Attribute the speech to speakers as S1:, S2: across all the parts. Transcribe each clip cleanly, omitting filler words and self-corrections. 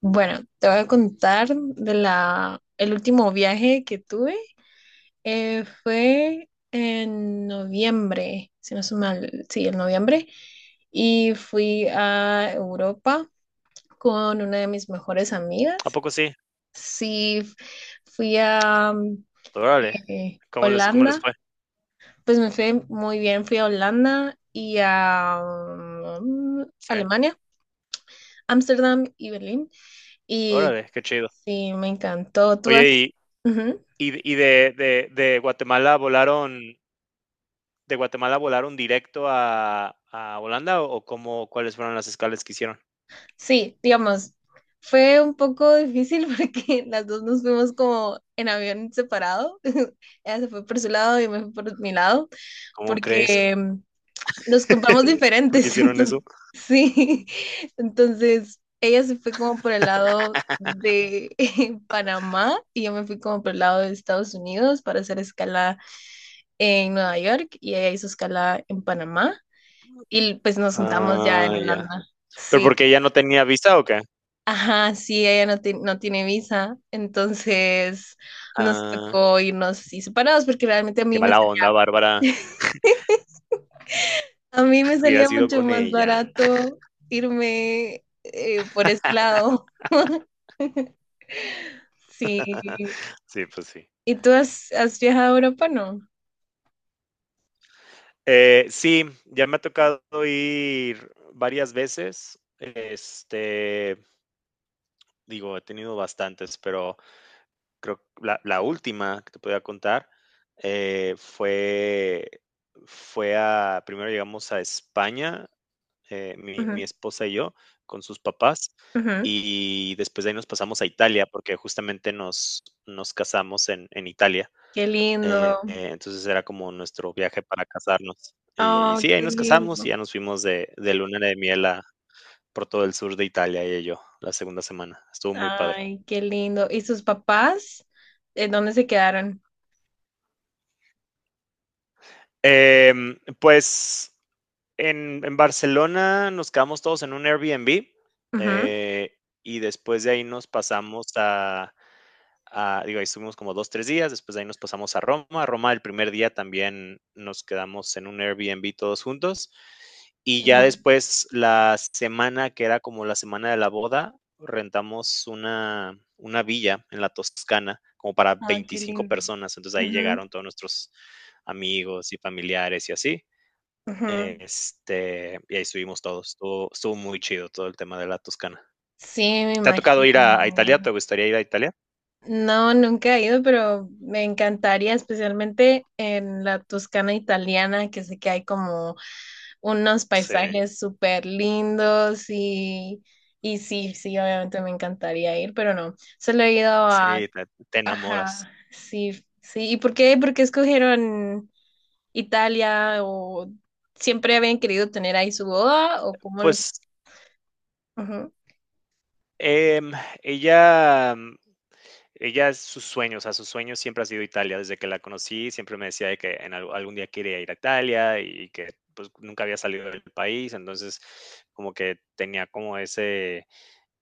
S1: Bueno, te voy a contar de la, el último viaje que tuve. Fue en noviembre, si no estoy mal, sí, en noviembre. Y fui a Europa con una de mis mejores
S2: ¿A
S1: amigas.
S2: poco sí?
S1: Sí, fui a
S2: Órale, ¿cómo les
S1: Holanda.
S2: fue?
S1: Pues me fue muy bien. Fui a Holanda y a
S2: Sí,
S1: Alemania, Ámsterdam y Berlín. Y
S2: órale, qué chido.
S1: sí, me encantó. Tú
S2: Oye,
S1: has...
S2: y
S1: Ujú.
S2: y y de Guatemala volaron directo a Holanda, ¿o cómo cuáles fueron las escalas que hicieron?
S1: Sí, digamos, fue un poco difícil porque las dos nos fuimos como en avión separado. Ella se fue por su lado y me fui por mi lado
S2: ¿Cómo crees?
S1: porque nos compramos
S2: ¿Por qué
S1: diferentes.
S2: hicieron
S1: Entonces,
S2: eso?
S1: sí, entonces ella se fue como por el lado de Panamá y yo me fui como por el lado de Estados Unidos para hacer escala en Nueva York y ella hizo escala en Panamá. Y pues nos juntamos ya
S2: Ah,
S1: en
S2: ya.
S1: Holanda.
S2: ¿Pero
S1: Sí.
S2: porque ella no tenía visa o qué?
S1: Ajá, sí, ella no, no tiene visa, entonces nos
S2: Ah,
S1: tocó irnos así separados porque realmente a
S2: qué
S1: mí me,
S2: mala onda, Bárbara.
S1: a mí me
S2: Hubiera
S1: salía
S2: sido
S1: mucho
S2: con
S1: más
S2: ella.
S1: barato irme por ese lado. Sí.
S2: Sí, pues sí.
S1: ¿Y tú has, has viajado a Europa? No.
S2: Sí, ya me ha tocado ir varias veces, digo, he tenido bastantes, pero creo que la última que te podía contar eh, fue, primero llegamos a España, mi
S1: Ujú,
S2: esposa y yo, con sus papás,
S1: ujú.
S2: y después de ahí nos pasamos a Italia, porque justamente nos casamos en Italia.
S1: Qué lindo.
S2: Entonces era como nuestro viaje para casarnos. Y
S1: Oh,
S2: sí, ahí
S1: qué
S2: nos casamos y
S1: lindo.
S2: ya nos fuimos de luna de miel por todo el sur de Italia, ella y yo, la segunda semana. Estuvo muy padre.
S1: Ay, qué lindo. ¿Y sus papás? ¿En dónde se quedaron?
S2: Eh, pues en Barcelona nos quedamos todos en un Airbnb,
S1: Ujú,
S2: eh, y después de ahí nos pasamos a, digo, ahí estuvimos como dos, tres días, después de ahí nos pasamos a Roma. A Roma el primer día también nos quedamos en un Airbnb todos juntos. Y ya
S1: ujú.
S2: después la semana que era como la semana de la boda, rentamos una villa en la Toscana como para
S1: Ah, qué
S2: 25
S1: lindo.
S2: personas. Entonces ahí
S1: Ujú,
S2: llegaron todos nuestros amigos y familiares y así.
S1: ujú.
S2: Y ahí estuvimos todos. Estuvo muy chido todo el tema de la Toscana.
S1: Sí, me
S2: ¿Te ha tocado ir a Italia? ¿Te
S1: imagino.
S2: gustaría ir a Italia?
S1: No, nunca he ido, pero me encantaría, especialmente en la Toscana italiana, que sé que hay como unos
S2: Sí,
S1: paisajes súper lindos y sí, sí, obviamente me encantaría ir, pero no, solo he ido
S2: sí,
S1: a...
S2: te enamoras.
S1: Ajá, sí, sí. ¿Y por qué? ¿Por qué escogieron Italia o siempre habían querido tener ahí su boda o cómo
S2: Pues,
S1: lo...
S2: em, ella mm, ella es su sueño, o sea, su sueño siempre ha sido Italia. Desde que la conocí, siempre me decía de que en algún día quería ir a Italia y que, pues, nunca había salido del país. Entonces, como que tenía como ese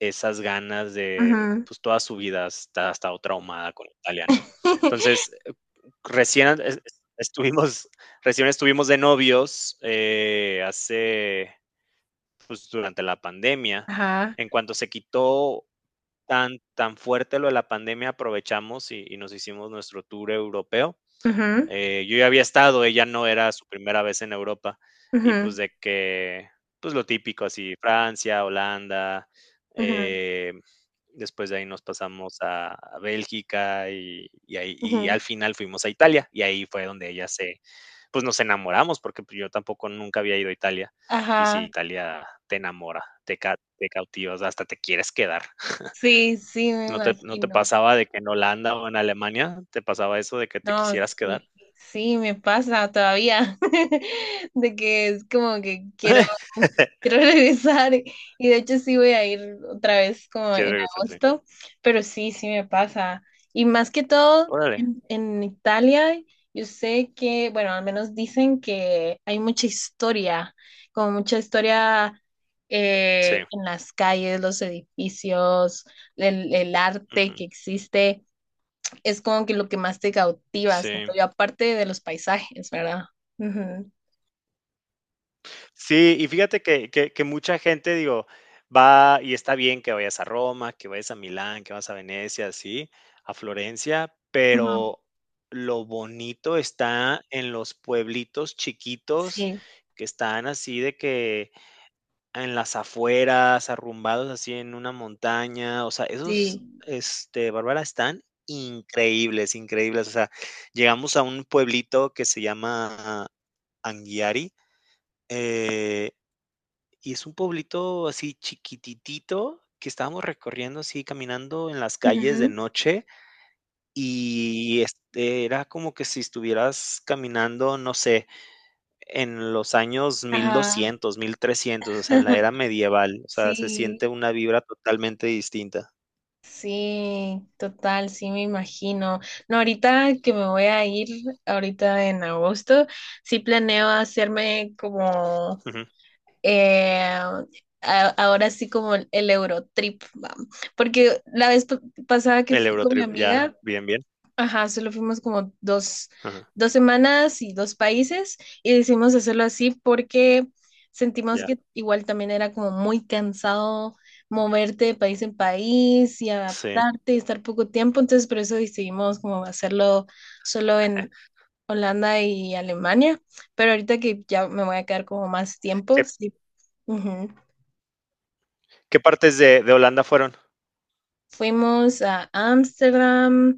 S2: Esas ganas de,
S1: Ujú.
S2: pues, toda su vida está ha estado traumada con Italia, ¿no? Entonces, recién es estuvimos recién estuvimos de novios, pues, durante la pandemia.
S1: Ajá.
S2: En cuanto se quitó tan fuerte lo de la pandemia, aprovechamos y nos hicimos nuestro tour europeo.
S1: Ujú,
S2: Yo ya había estado, ella no era su primera vez en Europa y pues
S1: ujú,
S2: de que, pues lo típico, así Francia, Holanda,
S1: ujú,
S2: eh, después de ahí nos pasamos a, Bélgica y ahí, y
S1: ujú.
S2: al final fuimos a Italia y ahí fue donde pues nos enamoramos porque pues, yo tampoco nunca había ido a Italia, y si
S1: Ajá.
S2: Italia te enamora, te cautivas, hasta te quieres quedar.
S1: Sí, sí, me
S2: ¿No te,
S1: imagino.
S2: pasaba de que en Holanda o en Alemania te pasaba eso de que te
S1: No,
S2: quisieras quedar?
S1: sí, sí, me pasa todavía, de que es como que quiero, quiero regresar y de hecho sí voy a ir otra vez como
S2: Quiere
S1: en
S2: regresar, sí.
S1: agosto, pero sí, sí me pasa. Y más que todo,
S2: Órale.
S1: en Italia, yo sé que, bueno, al menos dicen que hay mucha historia, como mucha historia
S2: Sí,
S1: en las calles, los edificios, el arte
S2: ujú,
S1: que existe es como que lo que más te cautiva,
S2: sí.
S1: siento yo, aparte de los paisajes, ¿verdad? Ujú.
S2: Sí, y fíjate que mucha gente, digo, va y está bien que vayas a Roma, que vayas a Milán, que vas a Venecia, sí, a Florencia,
S1: Ujú.
S2: pero lo bonito está en los pueblitos chiquitos
S1: Sí,
S2: que están así de que en las afueras, arrumbados así en una montaña, o sea, esos,
S1: sí.
S2: Bárbara, están increíbles, increíbles. O sea, llegamos a un pueblito que se llama Anguiari, eh, y es un pueblito así chiquititito que estábamos recorriendo así, caminando en las calles de
S1: Ujú.
S2: noche, y era como que si estuvieras caminando, no sé, en los años mil
S1: Ajá.
S2: doscientos 1300, o sea, en la era medieval, o sea, se
S1: Sí,
S2: siente una vibra totalmente distinta.
S1: sí, total, sí me imagino. No, ahorita que me voy a ir, ahorita en agosto, sí planeo hacerme como,
S2: Ujú.
S1: eh, ahora sí como el Eurotrip, va. Porque la vez pasada que
S2: El
S1: fui con mi
S2: Eurotrip, ya,
S1: amiga,
S2: bien, bien.
S1: ajá, solo fuimos como dos,
S2: Ajá,
S1: dos semanas y dos países y decidimos hacerlo así porque sentimos
S2: ya,
S1: que igual también era como muy cansado moverte de país en país y
S2: sí.
S1: adaptarte y estar poco tiempo, entonces por eso decidimos como hacerlo solo en Holanda y Alemania, pero ahorita que ya me voy a quedar como más
S2: ¿Qué
S1: tiempo, sí.
S2: qué partes de Holanda fueron?
S1: Fuimos a Ámsterdam,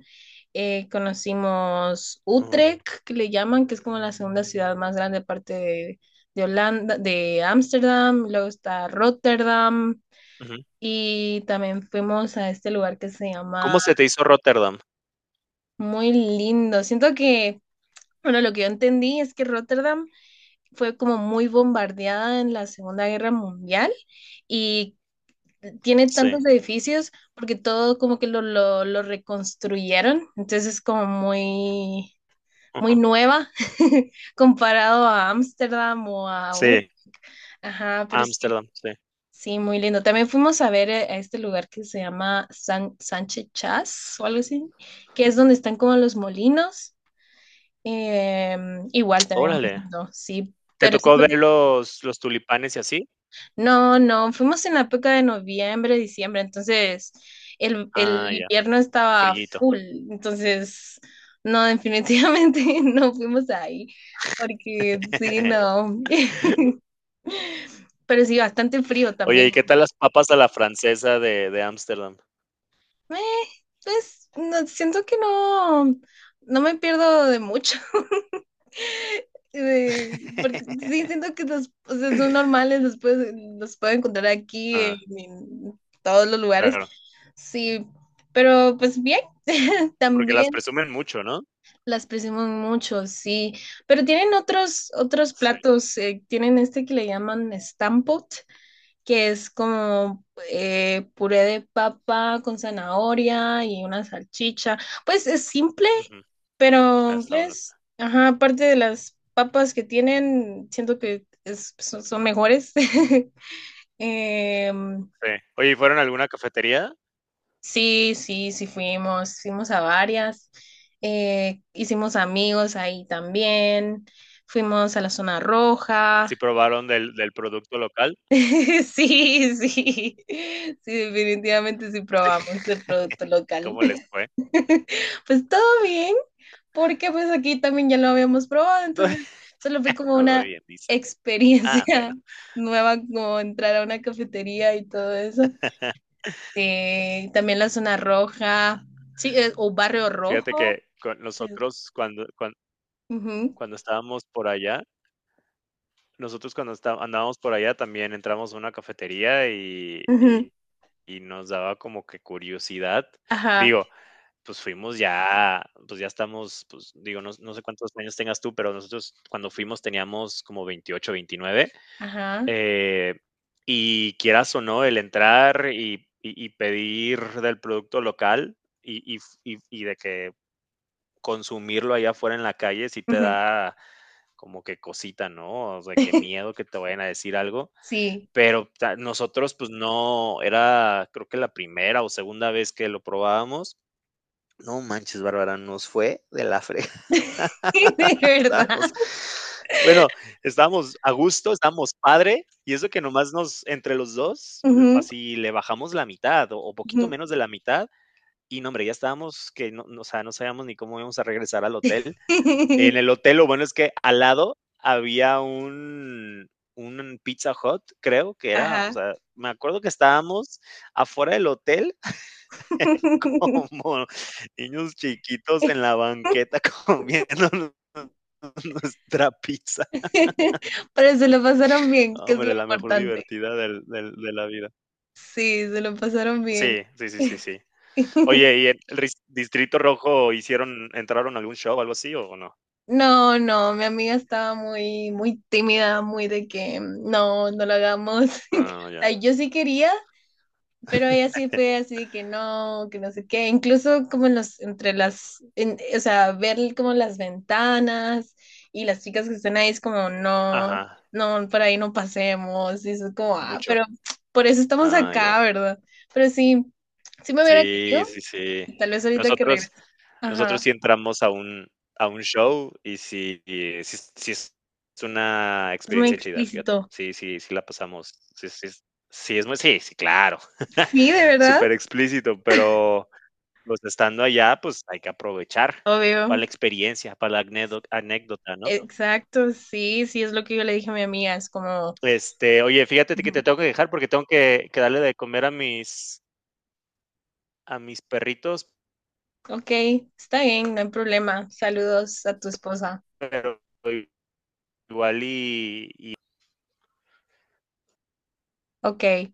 S1: conocimos
S2: Ujú,
S1: Utrecht, que le llaman, que es como la segunda ciudad más grande aparte de Holanda, de Ámsterdam, luego está Rotterdam
S2: ujú.
S1: y también fuimos a este lugar que se
S2: ¿Cómo
S1: llama
S2: se te hizo Rotterdam?
S1: muy lindo. Siento que, bueno, lo que yo entendí es que Rotterdam fue como muy bombardeada en la Segunda Guerra Mundial y tiene
S2: Sí,
S1: tantos edificios porque todo como que lo reconstruyeron, entonces es como muy, muy
S2: ujú,
S1: nueva comparado a Ámsterdam o a... Ut-
S2: sí,
S1: Ajá, pero sí,
S2: Ámsterdam, sí.
S1: sí, muy lindo. También fuimos a ver a este lugar que se llama San, Sánchez Chas o algo así, que es donde están como los molinos. Igual también muy
S2: Órale,
S1: lindo, sí,
S2: ¿te
S1: pero sí
S2: tocó ver los tulipanes y así?
S1: no, no, fuimos en la época de noviembre, diciembre, entonces
S2: Ah,
S1: el
S2: ya,
S1: invierno estaba
S2: frillito.
S1: full, entonces no, definitivamente no fuimos ahí, porque sí, no, pero sí, bastante frío
S2: Oye, ¿y
S1: también.
S2: qué tal las papas a la francesa de Ámsterdam?
S1: Eh, pues no, siento que no, no me pierdo de mucho. Porque sí, siento que los, o sea, son normales, los los puedo encontrar aquí
S2: Ah,
S1: en todos los lugares.
S2: claro.
S1: Sí, pero pues bien,
S2: Porque las
S1: también
S2: presumen mucho, ¿no?
S1: las presumen mucho, sí. Pero tienen otros, otros
S2: Sí,
S1: platos, tienen este que le llaman stampot, que es como puré de papa con zanahoria y una salchicha. Pues es simple
S2: ujú, ah,
S1: pero,
S2: está bueno, sí.
S1: pues, ajá, aparte de las papas que tienen, siento que son, son mejores. Em,
S2: Oye, ¿y fueron a alguna cafetería?
S1: sí, sí, sí fuimos, fuimos a varias. Hicimos amigos ahí también. Fuimos a la zona roja.
S2: ¿Sí probaron del producto local?
S1: Sí, sí, sí, definitivamente sí probamos
S2: Sí,
S1: el producto local.
S2: ¿cómo les fue?
S1: Pues todo bien, porque pues aquí también ya lo habíamos probado,
S2: Todo
S1: entonces solo fue como
S2: todo
S1: una
S2: bien, dice. Ah,
S1: experiencia
S2: bueno.
S1: nueva, como entrar a una cafetería y todo eso. También la zona roja, sí, o barrio
S2: Fíjate
S1: rojo.
S2: que con
S1: Sí.
S2: nosotros cuando cuan
S1: Ujú,
S2: cuando estábamos por allá, nosotros cuando está andábamos por allá también entramos a una cafetería y y
S1: ujú,
S2: y nos daba como que curiosidad.
S1: ajá,
S2: Digo, pues fuimos ya, pues ya estamos, pues digo, no sé cuántos años tengas tú, pero nosotros cuando fuimos teníamos como 28, 29.
S1: ajá.
S2: eh, y quieras o no, el entrar y pedir del producto local y y de que consumirlo allá afuera en la calle sí te
S1: Ujú.
S2: da como que cosita, ¿no? O sea, que miedo que te vayan a decir algo,
S1: Sí,
S2: pero ta nosotros, pues no, era creo que la primera o segunda vez que lo probábamos. No manches, Bárbara, nos fue de la frega.
S1: de verdad.
S2: Estábamos, bueno, estábamos a gusto, estábamos padre, y eso que nomás nos, entre los dos,
S1: Ujú,
S2: así le bajamos la mitad o poquito
S1: ujú.
S2: menos de la mitad, y no, hombre, ya estábamos que, no, o sea, no sabíamos ni cómo íbamos a regresar al hotel. En el hotel, lo bueno es que al lado había un Pizza Hut, creo que era, o
S1: Ajá.
S2: sea, me acuerdo que estábamos afuera del hotel como niños chiquitos en la banqueta comiéndonos nuestra pizza.
S1: Pero se lo pasaron bien,
S2: No,
S1: que es lo
S2: hombre, la mejor
S1: importante.
S2: divertida del de la vida.
S1: Sí, se lo pasaron bien.
S2: Sí, sí, sí, sí, sí. Oye, ¿y en el ris Distrito Rojo hicieron entraron a algún show, o algo así, o no?
S1: No, no, mi amiga estaba muy, muy tímida, muy de que no, no lo hagamos. O
S2: Ah, ya.
S1: sea, yo sí quería, pero ella sí fue así que no sé qué, incluso como en los, entre las, o sea, ver como las ventanas y las chicas que están ahí es como, no,
S2: Ajá,
S1: no, por ahí no pasemos, y eso es como, ah,
S2: mucho.
S1: pero por eso estamos
S2: Ah, ya.
S1: acá, ¿verdad? Pero sí, sí me hubiera
S2: Sí,
S1: querido,
S2: sí, sí.
S1: y tal vez ahorita que
S2: Nosotros
S1: regrese,
S2: nosotros sí
S1: ajá,
S2: entramos a un show y sí es una
S1: es muy
S2: experiencia chida, fíjate.
S1: explícito.
S2: Sí, sí, sí la pasamos. Sí, sí es sí, es muy, sí, claro.
S1: Sí, de verdad,
S2: Súper explícito, pero, pues, estando allá, pues, hay que aprovechar para
S1: obvio.
S2: la experiencia, para la anécdota, ¿no?
S1: Exacto, sí, sí, es lo que yo le dije a mi amiga, es como,
S2: Oye, fíjate que te tengo que dejar porque tengo que darle de comer a mis perritos,
S1: ok, está bien, no hay problema. Saludos a tu esposa.
S2: pero igual y
S1: Ok,